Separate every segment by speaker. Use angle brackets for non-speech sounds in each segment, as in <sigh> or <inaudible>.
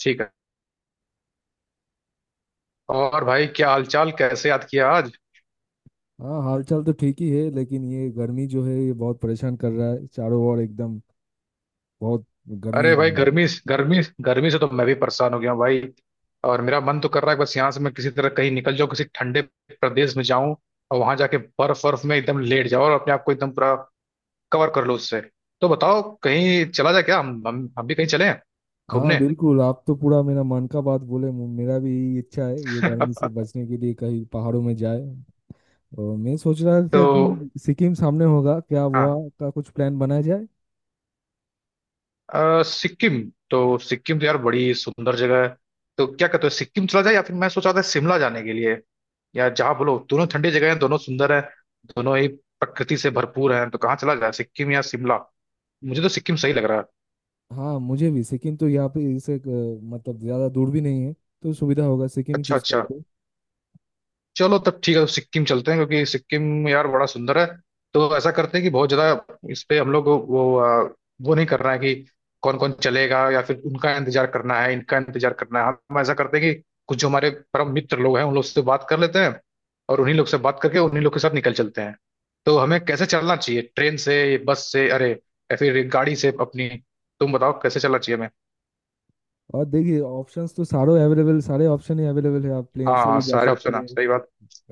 Speaker 1: ठीक है। और भाई, क्या हालचाल? कैसे याद किया आज?
Speaker 2: हाँ, हालचाल तो ठीक ही है। लेकिन ये गर्मी जो है ये बहुत परेशान कर रहा है चारों ओर एकदम बहुत गर्मी।
Speaker 1: अरे भाई,
Speaker 2: हम्म।
Speaker 1: गर्मी गर्मी। गर्मी से तो मैं भी परेशान हो गया हूँ भाई। और मेरा मन तो कर रहा है बस यहाँ से मैं किसी तरह कहीं निकल जाऊँ, किसी ठंडे प्रदेश में जाऊँ। और वहां जाके बर्फ बर्फ में एकदम लेट जाओ और अपने आप को एकदम पूरा कवर कर लो उससे। तो बताओ, कहीं चला जाए क्या? हम भी कहीं चले
Speaker 2: हाँ
Speaker 1: घूमने।
Speaker 2: बिल्कुल, आप तो पूरा मेरा मन का बात बोले। मेरा भी यही इच्छा है ये गर्मी से बचने के लिए कहीं पहाड़ों में जाए। और मैं सोच रहा
Speaker 1: तो
Speaker 2: था कि सिक्किम सामने होगा क्या,
Speaker 1: हाँ,
Speaker 2: वहाँ का कुछ प्लान बनाया जाए।
Speaker 1: सिक्किम। तो सिक्किम तो यार बड़ी सुंदर जगह है। तो क्या कहते हो, सिक्किम चला जाए या फिर मैं सोचा था शिमला जाने के लिए? यार जहाँ बोलो, दोनों ठंडी जगह हैं, दोनों सुंदर हैं। दोनों ही प्रकृति से भरपूर हैं। तो कहाँ चला जाए, सिक्किम या शिमला? मुझे तो सिक्किम सही लग रहा है।
Speaker 2: हाँ, मुझे भी सिक्किम तो यहाँ पे इससे मतलब ज़्यादा दूर भी नहीं है, तो सुविधा होगा, सिक्किम ही
Speaker 1: अच्छा
Speaker 2: चूज
Speaker 1: अच्छा।
Speaker 2: करते हैं।
Speaker 1: चलो तब ठीक है, तो सिक्किम चलते हैं क्योंकि सिक्किम यार बड़ा सुंदर है। तो ऐसा करते हैं कि बहुत ज्यादा इस पे हम लोग को वो नहीं करना है कि कौन कौन चलेगा या फिर उनका इंतजार करना है, इनका इंतजार करना है। हम ऐसा करते हैं कि कुछ जो हमारे परम मित्र लोग हैं उन लोग से बात कर लेते हैं, और उन्हीं लोग से बात करके उन्हीं लोग के साथ निकल चलते हैं। तो हमें कैसे चलना चाहिए, ट्रेन से, बस से, अरे या फिर गाड़ी से अपनी? तुम बताओ, कैसे चलना चाहिए हमें।
Speaker 2: और देखिए ऑप्शंस तो सारे अवेलेबल, सारे ऑप्शन ही अवेलेबल है। आप प्लेन
Speaker 1: हाँ
Speaker 2: से
Speaker 1: हाँ,
Speaker 2: भी जा
Speaker 1: सारे
Speaker 2: सकते
Speaker 1: ऑप्शन है,
Speaker 2: हैं,
Speaker 1: सही बात।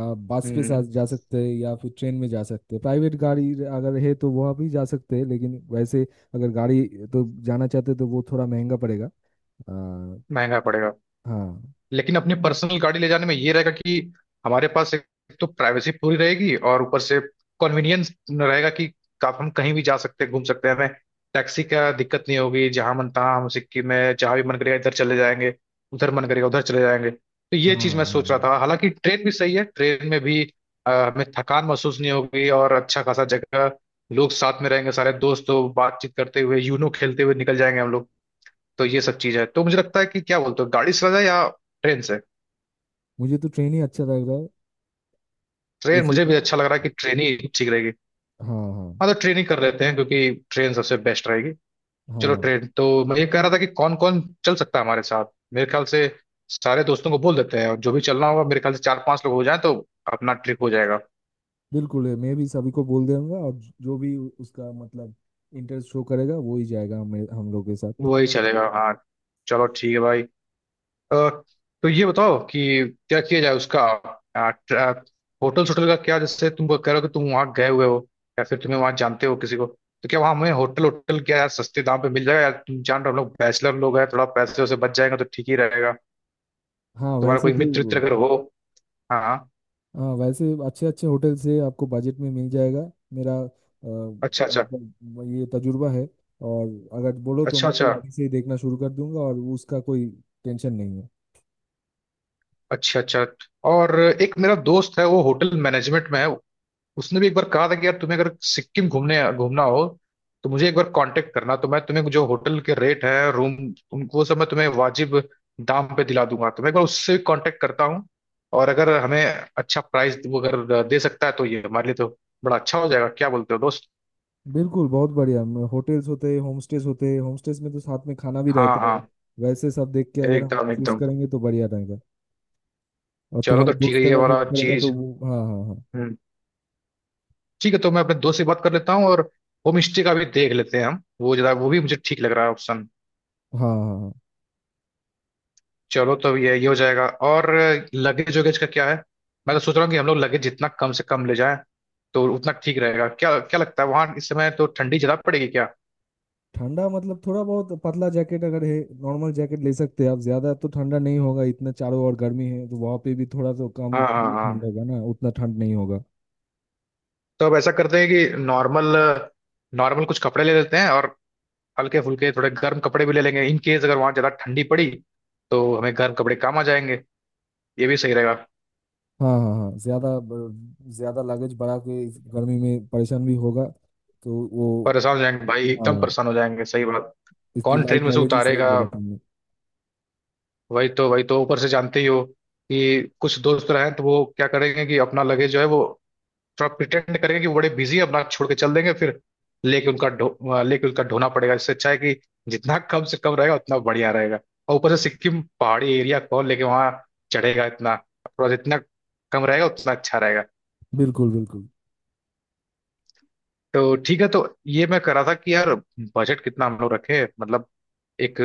Speaker 2: आप बस पे
Speaker 1: हम्म।
Speaker 2: जा सकते हैं, या फिर ट्रेन में जा सकते हैं। प्राइवेट गाड़ी अगर है तो वहाँ भी जा सकते हैं, लेकिन वैसे अगर गाड़ी तो जाना चाहते हैं तो वो थोड़ा महंगा पड़ेगा। हाँ।
Speaker 1: महंगा पड़ेगा।
Speaker 2: हाँ
Speaker 1: लेकिन अपनी पर्सनल गाड़ी ले जाने में ये रहेगा कि हमारे पास एक तो प्राइवेसी पूरी रहेगी, और ऊपर से कन्वीनियंस रहेगा कि आप हम कहीं भी जा सकते हैं, घूम सकते हैं, हमें टैक्सी का दिक्कत नहीं होगी। जहां मन तहाँ हम सिक्किम में जहां भी मन करेगा इधर चले जाएंगे, उधर मन करेगा उधर चले जाएंगे। तो
Speaker 2: हाँ
Speaker 1: ये चीज मैं सोच रहा
Speaker 2: हाँ।
Speaker 1: था, हालांकि ट्रेन भी सही है। ट्रेन में भी हमें थकान महसूस नहीं होगी, और अच्छा खासा जगह, लोग साथ में रहेंगे सारे दोस्त, तो बातचीत करते हुए, यूनो खेलते हुए निकल जाएंगे हम लोग। तो ये सब चीज है, तो मुझे लगता है कि क्या बोलते हो, गाड़ी से जाए या ट्रेन से?
Speaker 2: मुझे तो ट्रेन ही अच्छा लग रहा है।
Speaker 1: ट्रेन
Speaker 2: एसी
Speaker 1: मुझे
Speaker 2: का।
Speaker 1: भी अच्छा लग रहा है कि ट्रेन ही ठीक रहेगी।
Speaker 2: हाँ हाँ।
Speaker 1: हाँ, तो ट्रेन ही कर लेते हैं क्योंकि ट्रेन सबसे बेस्ट रहेगी। चलो
Speaker 2: हाँ
Speaker 1: ट्रेन। तो मैं ये कह रहा था कि कौन कौन चल सकता है हमारे साथ। मेरे ख्याल से सारे दोस्तों को बोल देते हैं, और जो भी चलना होगा, मेरे ख्याल से चार पांच लोग हो जाए तो अपना ट्रिप हो जाएगा।
Speaker 2: बिल्कुल है, मैं भी सभी को बोल दूंगा। और जो भी उसका मतलब इंटरेस्ट शो करेगा वो ही जाएगा हमें हम लोग के साथ।
Speaker 1: वही चलेगा, हाँ। चलो ठीक है भाई। अ, तो ये बताओ कि क्या किया जाए उसका। अ, ट्र- होटल, होटल का क्या? जैसे तुम कह रहे हो कि तुम वहां गए हुए हो, या फिर तुम्हें वहां जानते हो किसी को। तो क्या वहां हमें होटल, होटल क्या यार, सस्ते दाम पे मिल जाएगा? यार तुम जान रहे हो हम लोग बैचलर लोग हैं, थोड़ा पैसे वैसे बच जाएगा तो ठीक ही रहेगा।
Speaker 2: हाँ
Speaker 1: तुम्हारा
Speaker 2: वैसे
Speaker 1: कोई
Speaker 2: तो।
Speaker 1: मित्र मित्र अगर हो। हाँ हाँ।
Speaker 2: हाँ वैसे अच्छे अच्छे होटल से आपको बजट में मिल जाएगा, मेरा
Speaker 1: अच्छा अच्छा।
Speaker 2: मतलब ये तजुर्बा है। और अगर बोलो तो
Speaker 1: अच्छा
Speaker 2: मैं भी
Speaker 1: अच्छा।
Speaker 2: अभी से ही देखना शुरू कर दूंगा, और उसका कोई टेंशन नहीं है।
Speaker 1: अच्छा अच्छा। और एक मेरा दोस्त है, वो होटल मैनेजमेंट में है। उसने भी एक बार कहा था कि यार तुम्हें अगर सिक्किम घूमने घूमना हो, तो मुझे एक बार कांटेक्ट करना, तो मैं तुम्हें जो होटल के रेट है, रूम, उनको वो सब मैं तुम्हें वाजिब दाम पे दिला दूंगा। तो मैं एक बार उससे कांटेक्ट करता हूँ, और अगर हमें अच्छा प्राइस वो अगर दे सकता है तो ये हमारे लिए तो बड़ा अच्छा हो जाएगा। क्या बोलते हो दोस्त?
Speaker 2: बिल्कुल बहुत बढ़िया, होटल्स होते हैं, होम स्टेज होते हैं। होम स्टेज में तो साथ में खाना भी
Speaker 1: हाँ
Speaker 2: रहता है।
Speaker 1: हाँ,
Speaker 2: वैसे सब देख के अगर हम
Speaker 1: एकदम
Speaker 2: चूज
Speaker 1: एकदम।
Speaker 2: करेंगे तो बढ़िया रहेगा। और
Speaker 1: चलो
Speaker 2: तुम्हारे
Speaker 1: तो ठीक है,
Speaker 2: दोस्त
Speaker 1: ये
Speaker 2: अगर हेल्प
Speaker 1: वाला
Speaker 2: करेंगे तो
Speaker 1: चीज।
Speaker 2: वो हाँ हाँ हाँ।
Speaker 1: हम्म। ठीक है, तो मैं अपने दोस्त से बात कर लेता हूँ, और होम स्टे का भी देख लेते हैं हम, वो जरा वो भी मुझे ठीक लग रहा है ऑप्शन।
Speaker 2: हाँ हाँ हाँ।
Speaker 1: चलो, तो ये हो जाएगा। और लगेज वगेज का क्या है? मैं तो सोच रहा हूँ कि हम लोग लगेज जितना कम से कम ले जाएं तो उतना ठीक रहेगा। क्या क्या लगता है वहां इस समय, तो ठंडी ज्यादा पड़ेगी क्या?
Speaker 2: ठंडा मतलब थोड़ा बहुत पतला जैकेट अगर है, नॉर्मल जैकेट ले सकते हैं आप। ज्यादा तो ठंडा नहीं होगा इतना, चारों ओर गर्मी है तो वहाँ पे भी थोड़ा तो कम
Speaker 1: हाँ
Speaker 2: कम
Speaker 1: हाँ
Speaker 2: ही ठंड
Speaker 1: हाँ।
Speaker 2: होगा ना, उतना ठंड नहीं होगा।
Speaker 1: तो अब ऐसा करते हैं कि नॉर्मल नॉर्मल कुछ कपड़े ले लेते हैं, और हल्के फुल्के थोड़े गर्म कपड़े भी ले लेंगे इन केस अगर वहाँ ज़्यादा ठंडी पड़ी तो हमें गर्म कपड़े काम आ जाएंगे। ये भी सही रहेगा।
Speaker 2: हाँ हाँ हाँ। ज्यादा लगेज बढ़ा के इस गर्मी में परेशान भी होगा तो वो।
Speaker 1: परेशान हो जाएंगे भाई, एकदम
Speaker 2: हाँ,
Speaker 1: परेशान हो जाएंगे, सही बात।
Speaker 2: इसलिए
Speaker 1: कौन ट्रेन
Speaker 2: लाइट
Speaker 1: में से
Speaker 2: लगेज ही सही
Speaker 1: उतारेगा?
Speaker 2: बोला तुमने।
Speaker 1: वही तो ऊपर से जानते ही हो कि कुछ दोस्त रहे हैं, तो वो क्या करेंगे कि अपना लगेज जो है वो थोड़ा प्रिटेंड करेंगे कि वो बड़े बिजी है, अपना छोड़ के चल देंगे, फिर लेके उनका ढो लेके उनका ढोना पड़ेगा। इससे अच्छा है कि जितना कम से कम रहेगा उतना बढ़िया रहेगा। और ऊपर से सिक्किम पहाड़ी एरिया, कौन लेके वहाँ चढ़ेगा इतना? थोड़ा, जितना कम रहेगा उतना अच्छा रहेगा।
Speaker 2: बिल्कुल बिल्कुल।
Speaker 1: तो ठीक है, तो ये मैं कह रहा था कि यार बजट कितना हम लोग रखें, मतलब एक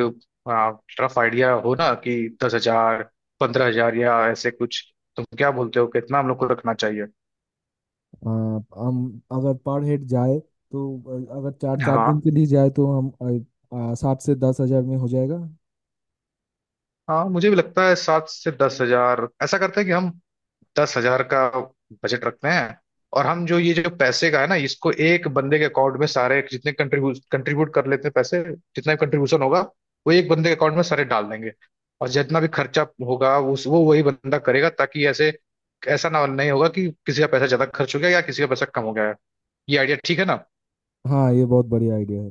Speaker 1: रफ आइडिया हो ना कि 10,000, 15,000 या ऐसे कुछ। तुम क्या बोलते हो, कितना हम लोग को रखना चाहिए?
Speaker 2: हाँ, हम अगर पर हेड जाए तो अगर चार चार
Speaker 1: हाँ
Speaker 2: दिन के लिए जाए तो हम 7 से 10 हज़ार में हो जाएगा।
Speaker 1: हाँ, मुझे भी लगता है 7 से 10 हजार। ऐसा करते हैं कि हम 10,000 का बजट रखते हैं। और हम जो ये जो पैसे का है ना, इसको एक बंदे के अकाउंट में सारे जितने कंट्रीब्यूट कंट्रीब्यूट कर लेते हैं, पैसे जितना भी कंट्रीब्यूशन होगा वो एक बंदे के अकाउंट में सारे डाल देंगे। और जितना भी खर्चा होगा उस वो वही बंदा करेगा, ताकि ऐसे ऐसा ना नहीं होगा कि किसी का पैसा ज्यादा खर्च हो गया या किसी का पैसा कम हो गया है। ये आइडिया ठीक है ना?
Speaker 2: हाँ ये बहुत बढ़िया आइडिया है।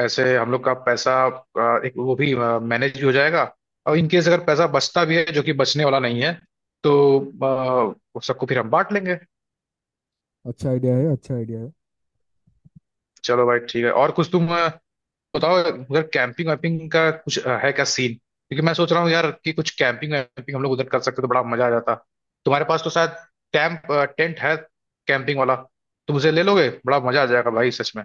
Speaker 1: ऐसे हम लोग का पैसा एक वो भी मैनेज भी हो जाएगा, और इन केस अगर पैसा बचता भी है, जो कि बचने वाला नहीं है, तो सबको फिर हम बांट लेंगे।
Speaker 2: अच्छा आइडिया है, अच्छा आइडिया है।
Speaker 1: चलो भाई ठीक है। और कुछ तुम बताओ। उधर कैंपिंग वैम्पिंग का कुछ है क्या सीन? क्योंकि मैं सोच रहा हूँ यार कि कुछ कैंपिंग वैम्पिंग हम लोग उधर कर सकते तो बड़ा मजा आ जाता। तुम्हारे पास तो शायद कैंप, टेंट है कैंपिंग वाला। तुम उसे ले लोगे, बड़ा मजा आ जाएगा भाई, सच में।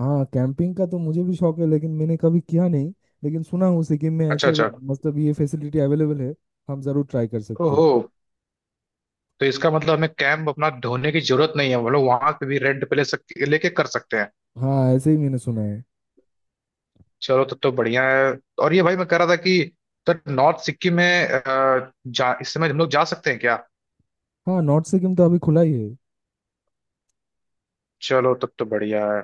Speaker 2: हाँ कैंपिंग का तो मुझे भी शौक है, लेकिन मैंने कभी किया नहीं। लेकिन सुना हूँ सिक्किम में
Speaker 1: अच्छा
Speaker 2: ऐसा
Speaker 1: अच्छा।
Speaker 2: मतलब ये फैसिलिटी अवेलेबल है, हम जरूर ट्राई कर सकते हैं।
Speaker 1: ओहो। तो इसका मतलब हमें कैंप अपना ढोने की जरूरत नहीं है, हम लोग वहां पे भी रेंट पे ले सकते, लेके कर सकते हैं।
Speaker 2: हाँ ऐसे ही मैंने सुना है।
Speaker 1: चलो तब तो बढ़िया है। और ये भाई मैं कह रहा था कि तो नॉर्थ सिक्किम में अ, जा इस समय हम लोग जा सकते हैं क्या?
Speaker 2: हाँ नॉर्थ सिक्किम तो अभी खुला ही है।
Speaker 1: चलो तब तो बढ़िया है।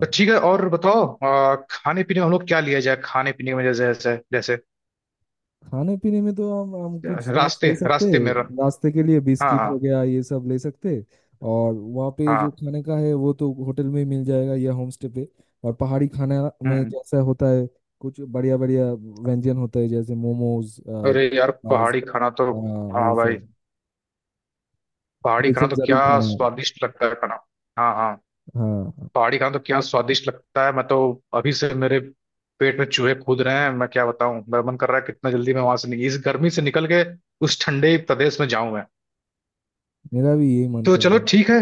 Speaker 1: तो ठीक है, और बताओ, खाने पीने में हम लोग क्या लिया जाए? खाने पीने में जैसे जैसे जैसे
Speaker 2: खाने पीने में तो हम कुछ स्नैक्स
Speaker 1: रास्ते
Speaker 2: ले सकते
Speaker 1: रास्ते में
Speaker 2: हैं, रास्ते के लिए
Speaker 1: हाँ
Speaker 2: बिस्किट हो
Speaker 1: हाँ
Speaker 2: गया ये सब ले सकते हैं। और वहाँ पे
Speaker 1: हाँ।
Speaker 2: जो खाने का है वो तो होटल में मिल जाएगा या होम स्टे पे। और पहाड़ी खाना में
Speaker 1: हम्म।
Speaker 2: जैसा होता है, कुछ बढ़िया बढ़िया व्यंजन होता है जैसे मोमोज। आ,
Speaker 1: अरे यार,
Speaker 2: आ,
Speaker 1: पहाड़ी खाना तो।
Speaker 2: आ, ये
Speaker 1: हाँ भाई,
Speaker 2: सब,
Speaker 1: पहाड़ी
Speaker 2: ये
Speaker 1: खाना
Speaker 2: सब
Speaker 1: तो
Speaker 2: जरूर
Speaker 1: क्या
Speaker 2: खाना है।
Speaker 1: स्वादिष्ट लगता है खाना। हाँ हाँ।
Speaker 2: हाँ हाँ,
Speaker 1: पहाड़ी खाना तो क्या स्वादिष्ट लगता है, मैं तो अभी से मेरे पेट में चूहे कूद रहे हैं। मैं क्या बताऊं, मेरा मन कर रहा है कितना जल्दी मैं वहां से इस गर्मी से निकल के उस ठंडे प्रदेश में जाऊं मैं।
Speaker 2: मेरा भी यही मन
Speaker 1: तो
Speaker 2: कर
Speaker 1: चलो
Speaker 2: रहा है।
Speaker 1: ठीक है।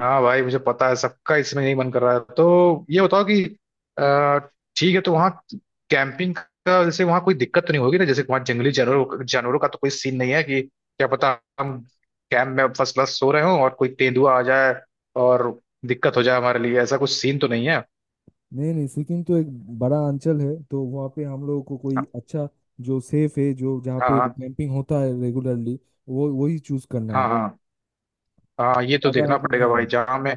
Speaker 1: हाँ भाई, मुझे पता है सबका इसमें यही मन कर रहा है। तो ये बताओ कि अ, ठीक है, तो वहाँ कैंपिंग का, जैसे वहाँ कोई दिक्कत तो नहीं होगी ना, जैसे वहाँ जंगली जानवरों जानवरों का तो कोई सीन नहीं है कि क्या पता हम कैंप में फर्स्ट क्लास सो रहे हों और कोई तेंदुआ आ जाए और दिक्कत हो जाए हमारे लिए? ऐसा कुछ सीन तो नहीं है?
Speaker 2: नहीं नहीं, सिक्किम तो एक बड़ा अंचल है, तो वहाँ पे हम लोगों को कोई
Speaker 1: हाँ
Speaker 2: अच्छा जो सेफ है, जो जहाँ पे
Speaker 1: हाँ
Speaker 2: कैंपिंग होता है रेगुलरली, वो वही चूज करना
Speaker 1: हाँ।
Speaker 2: है।
Speaker 1: हाँ हाँ हाँ। ये तो
Speaker 2: ज्यादा
Speaker 1: देखना
Speaker 2: अगर
Speaker 1: पड़ेगा
Speaker 2: हाँ।
Speaker 1: भाई जहाँ में।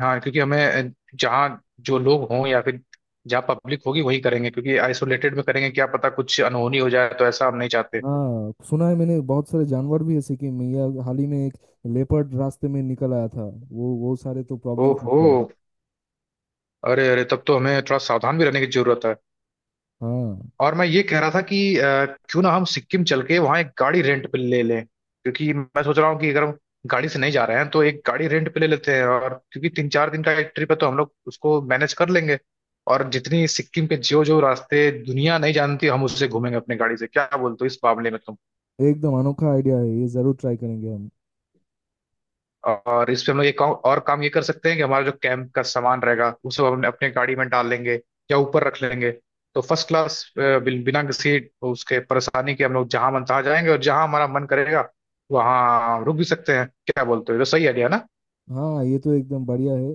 Speaker 1: हाँ, क्योंकि हमें जहाँ जो लोग हों या फिर जहाँ पब्लिक होगी वही करेंगे, क्योंकि आइसोलेटेड में करेंगे क्या पता कुछ अनहोनी हो जाए, तो ऐसा हम नहीं चाहते।
Speaker 2: हाँ सुना है मैंने बहुत सारे जानवर भी है सिक्किम में, या हाल ही में एक लेपर्ड रास्ते में निकल आया था। वो सारे तो प्रॉब्लम
Speaker 1: ओहो।
Speaker 2: करते हैं।
Speaker 1: अरे अरे, तब तो हमें थोड़ा सावधान भी रहने की जरूरत है।
Speaker 2: हाँ
Speaker 1: और मैं ये कह रहा था कि क्यों ना हम सिक्किम चल के वहाँ एक गाड़ी रेंट पे ले लें? क्योंकि मैं सोच रहा हूँ कि अगर हम गाड़ी से नहीं जा रहे हैं तो एक गाड़ी रेंट पे ले लेते हैं, और क्योंकि 3-4 दिन का एक ट्रिप है तो हम लोग उसको मैनेज कर लेंगे। और जितनी सिक्किम के जो जो रास्ते दुनिया नहीं जानती, हम उससे घूमेंगे अपनी गाड़ी से। क्या बोलते हो इस मामले में तुम?
Speaker 2: एकदम अनोखा आइडिया है, ये जरूर ट्राई करेंगे हम।
Speaker 1: और इस पे हम लोग एक और काम ये कर सकते हैं कि हमारा जो कैंप का सामान रहेगा उसे हम अपने गाड़ी में डाल लेंगे या ऊपर रख लेंगे। तो फर्स्ट क्लास बिना किसी उसके परेशानी के हम लोग जहां मन तहां जाएंगे, और जहां हमारा मन करेगा वहां रुक भी सकते हैं। क्या बोलते हो, ये तो सही आइडिया ना?
Speaker 2: हाँ ये तो एकदम बढ़िया है।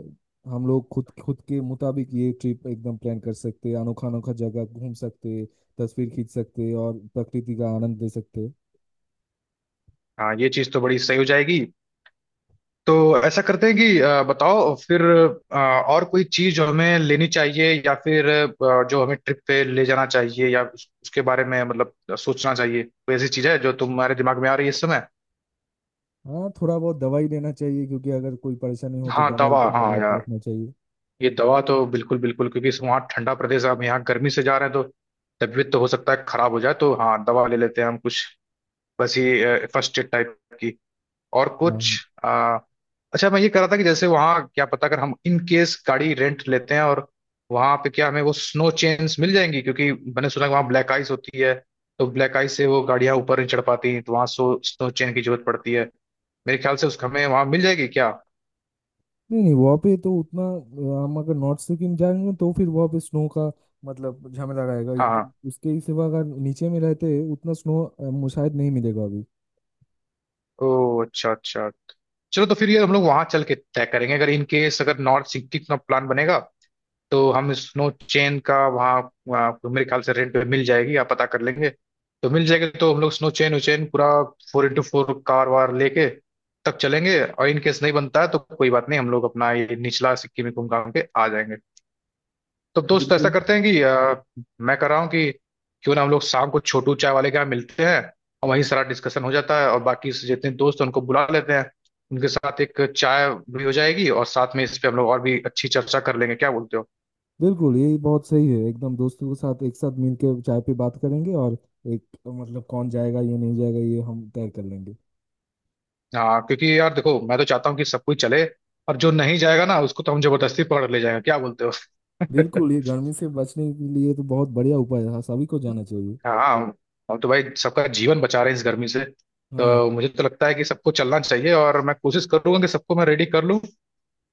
Speaker 2: हम लोग खुद खुद के मुताबिक ये ट्रिप एकदम प्लान कर सकते हैं, अनोखा अनोखा जगह घूम सकते हैं, तस्वीर खींच सकते हैं और प्रकृति का आनंद ले सकते हैं।
Speaker 1: हाँ, ये चीज तो बड़ी सही हो जाएगी। तो ऐसा करते हैं कि बताओ फिर, और कोई चीज जो हमें लेनी चाहिए या फिर जो हमें ट्रिप पे ले जाना चाहिए या उसके बारे में मतलब सोचना चाहिए। कोई ऐसी चीज है जो तुम्हारे दिमाग में आ रही है इस समय।
Speaker 2: हाँ थोड़ा बहुत दवाई लेना चाहिए, क्योंकि अगर कोई परेशानी हो तो
Speaker 1: हाँ
Speaker 2: दवाई
Speaker 1: दवा,
Speaker 2: थोड़ा
Speaker 1: हाँ
Speaker 2: बहुत
Speaker 1: यार,
Speaker 2: रखना चाहिए।
Speaker 1: ये दवा तो बिल्कुल बिल्कुल क्योंकि वहाँ ठंडा प्रदेश है, अब यहाँ गर्मी से जा रहे हैं तो तबीयत तो हो सकता है खराब हो जाए, तो हाँ दवा ले लेते हैं हम कुछ। बस ये फर्स्ट एड टाइप की। और कुछ?
Speaker 2: हाँ।
Speaker 1: आ, अच्छा, मैं ये कह रहा था कि जैसे वहाँ क्या पता अगर हम इन केस गाड़ी रेंट लेते हैं और वहाँ पे क्या हमें वो स्नो चेन्स मिल जाएंगी, क्योंकि मैंने सुना है कि वहाँ ब्लैक आइस होती है। तो ब्लैक आइस से वो गाड़ियाँ ऊपर नहीं चढ़ पाती हैं, तो वहाँ सो स्नो चेन की जरूरत पड़ती है। मेरे ख्याल से उसका हमें वहाँ मिल जाएगी क्या?
Speaker 2: नहीं नहीं, वहाँ पे तो उतना हम अगर नॉर्थ सिक्किम जाएंगे तो फिर वहाँ पे स्नो का मतलब झमेला रहेगा।
Speaker 1: हाँ हाँ,
Speaker 2: उसके ही सिवा अगर नीचे में रहते हैं, उतना स्नो शायद नहीं मिलेगा अभी।
Speaker 1: ओ अच्छा अच्छा। चलो तो फिर ये हम लोग वहां चल के तय करेंगे। अगर इन केस अगर नॉर्थ सिटी का प्लान बनेगा तो हम स्नो चेन का वहाँ, वहाँ तो मेरे ख्याल से रेंट पे मिल जाएगी, आप पता कर लेंगे तो मिल जाएगी, तो हम लोग स्नो चेन उचेन पूरा फोर इंटू फोर कार वार लेके तब चलेंगे। और इन केस नहीं बनता है तो कोई बात नहीं, हम लोग अपना ये निचला सिक्किम में घूम घाम के आ जाएंगे। तो दोस्त, तो ऐसा
Speaker 2: बिल्कुल
Speaker 1: करते हैं कि मैं कर रहा हूँ कि क्यों ना हम लोग शाम को छोटू चाय वाले के यहाँ मिलते हैं और वहीं सारा डिस्कशन हो जाता है, और बाकी से जितने दोस्त हैं उनको बुला लेते हैं। उनके साथ एक चाय भी हो जाएगी और साथ में इस पे हम लोग और भी अच्छी चर्चा कर लेंगे। क्या बोलते हो?
Speaker 2: बिल्कुल ये बहुत सही है, एकदम दोस्तों के साथ एक साथ मिलके चाय पे बात करेंगे। और एक मतलब कौन जाएगा, ये नहीं जाएगा, ये हम तय कर लेंगे।
Speaker 1: हाँ, क्योंकि यार देखो मैं तो चाहता हूँ कि सब कोई चले, और जो नहीं जाएगा ना उसको तो हम जबरदस्ती पकड़ ले जाएंगे। क्या बोलते हो?
Speaker 2: बिल्कुल, ये गर्मी से बचने के लिए तो बहुत बढ़िया उपाय है, सभी को जाना
Speaker 1: <laughs>
Speaker 2: चाहिए।
Speaker 1: हाँ, हम तो भाई सबका जीवन बचा रहे हैं इस गर्मी से।
Speaker 2: हाँ।
Speaker 1: तो मुझे तो लगता है कि सबको चलना चाहिए, और मैं कोशिश करूंगा कि सबको मैं रेडी कर लूँ।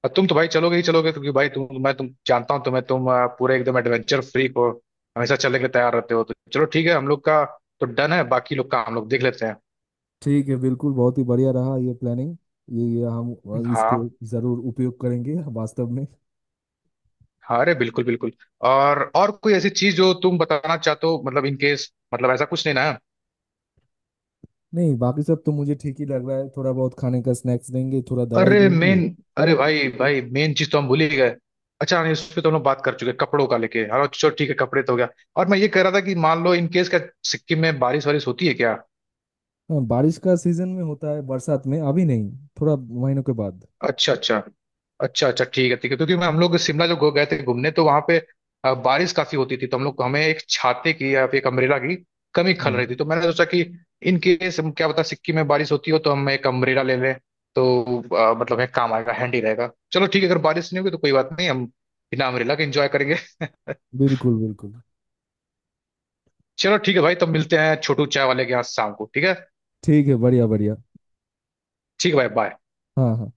Speaker 1: और तुम तो भाई चलोगे ही चलोगे, क्योंकि भाई तुम मैं तुम जानता हूँ तुम्हें, तुम पूरे एकदम एडवेंचर फ्रीक हो, हमेशा चलने के लिए तैयार रहते हो। तो चलो ठीक है, हम लोग का तो डन है, बाकी लोग का हम लोग देख लेते हैं।
Speaker 2: ठीक है, बिल्कुल बहुत ही बढ़िया रहा ये प्लानिंग। ये हम इसको
Speaker 1: हाँ
Speaker 2: ज़रूर उपयोग करेंगे वास्तव में।
Speaker 1: हाँ, अरे बिल्कुल बिल्कुल। और कोई ऐसी चीज जो तुम बताना चाहते हो, मतलब इन केस, मतलब ऐसा कुछ नहीं ना?
Speaker 2: नहीं बाकी सब तो मुझे ठीक ही लग रहा है, थोड़ा बहुत खाने का स्नैक्स देंगे, थोड़ा दवाई
Speaker 1: अरे
Speaker 2: देंगे।
Speaker 1: मेन, अरे भाई भाई मेन चीज तो हम भूल ही गए। अच्छा नहीं, उस पे तो हम लोग बात कर चुके हैं, कपड़ों का लेके, हाँ चलो ठीक है, कपड़े तो हो गया। और मैं ये कह रहा था कि मान लो इन केस क्या सिक्किम में बारिश वारिश होती है क्या?
Speaker 2: हाँ बारिश का सीजन में होता है, बरसात में अभी नहीं, थोड़ा महीनों के बाद।
Speaker 1: अच्छा अच्छा, अच्छा अच्छा, ठीक है ठीक है, क्योंकि मैं हम लोग शिमला जब गए थे घूमने तो वहां पे बारिश काफी होती थी, तो हम लोग हमें एक छाते की या फिर एक अम्ब्रेला की कमी खल
Speaker 2: हाँ
Speaker 1: रही थी। तो मैंने सोचा कि इन केस हम क्या पता सिक्किम में बारिश होती हो तो हम एक अम्ब्रेला ले लें, तो मतलब एक काम आएगा, हैंडी रहेगा। चलो ठीक है, अगर बारिश नहीं होगी तो कोई बात नहीं, हम बिना अम्ब्रेला के एंजॉय करेंगे। <laughs>
Speaker 2: बिल्कुल बिल्कुल।
Speaker 1: चलो ठीक है भाई, तब मिलते हैं छोटू चाय वाले के यहाँ शाम को, ठीक है?
Speaker 2: ठीक है, बढ़िया बढ़िया।
Speaker 1: ठीक है भाई, बाय।
Speaker 2: हाँ हाँ।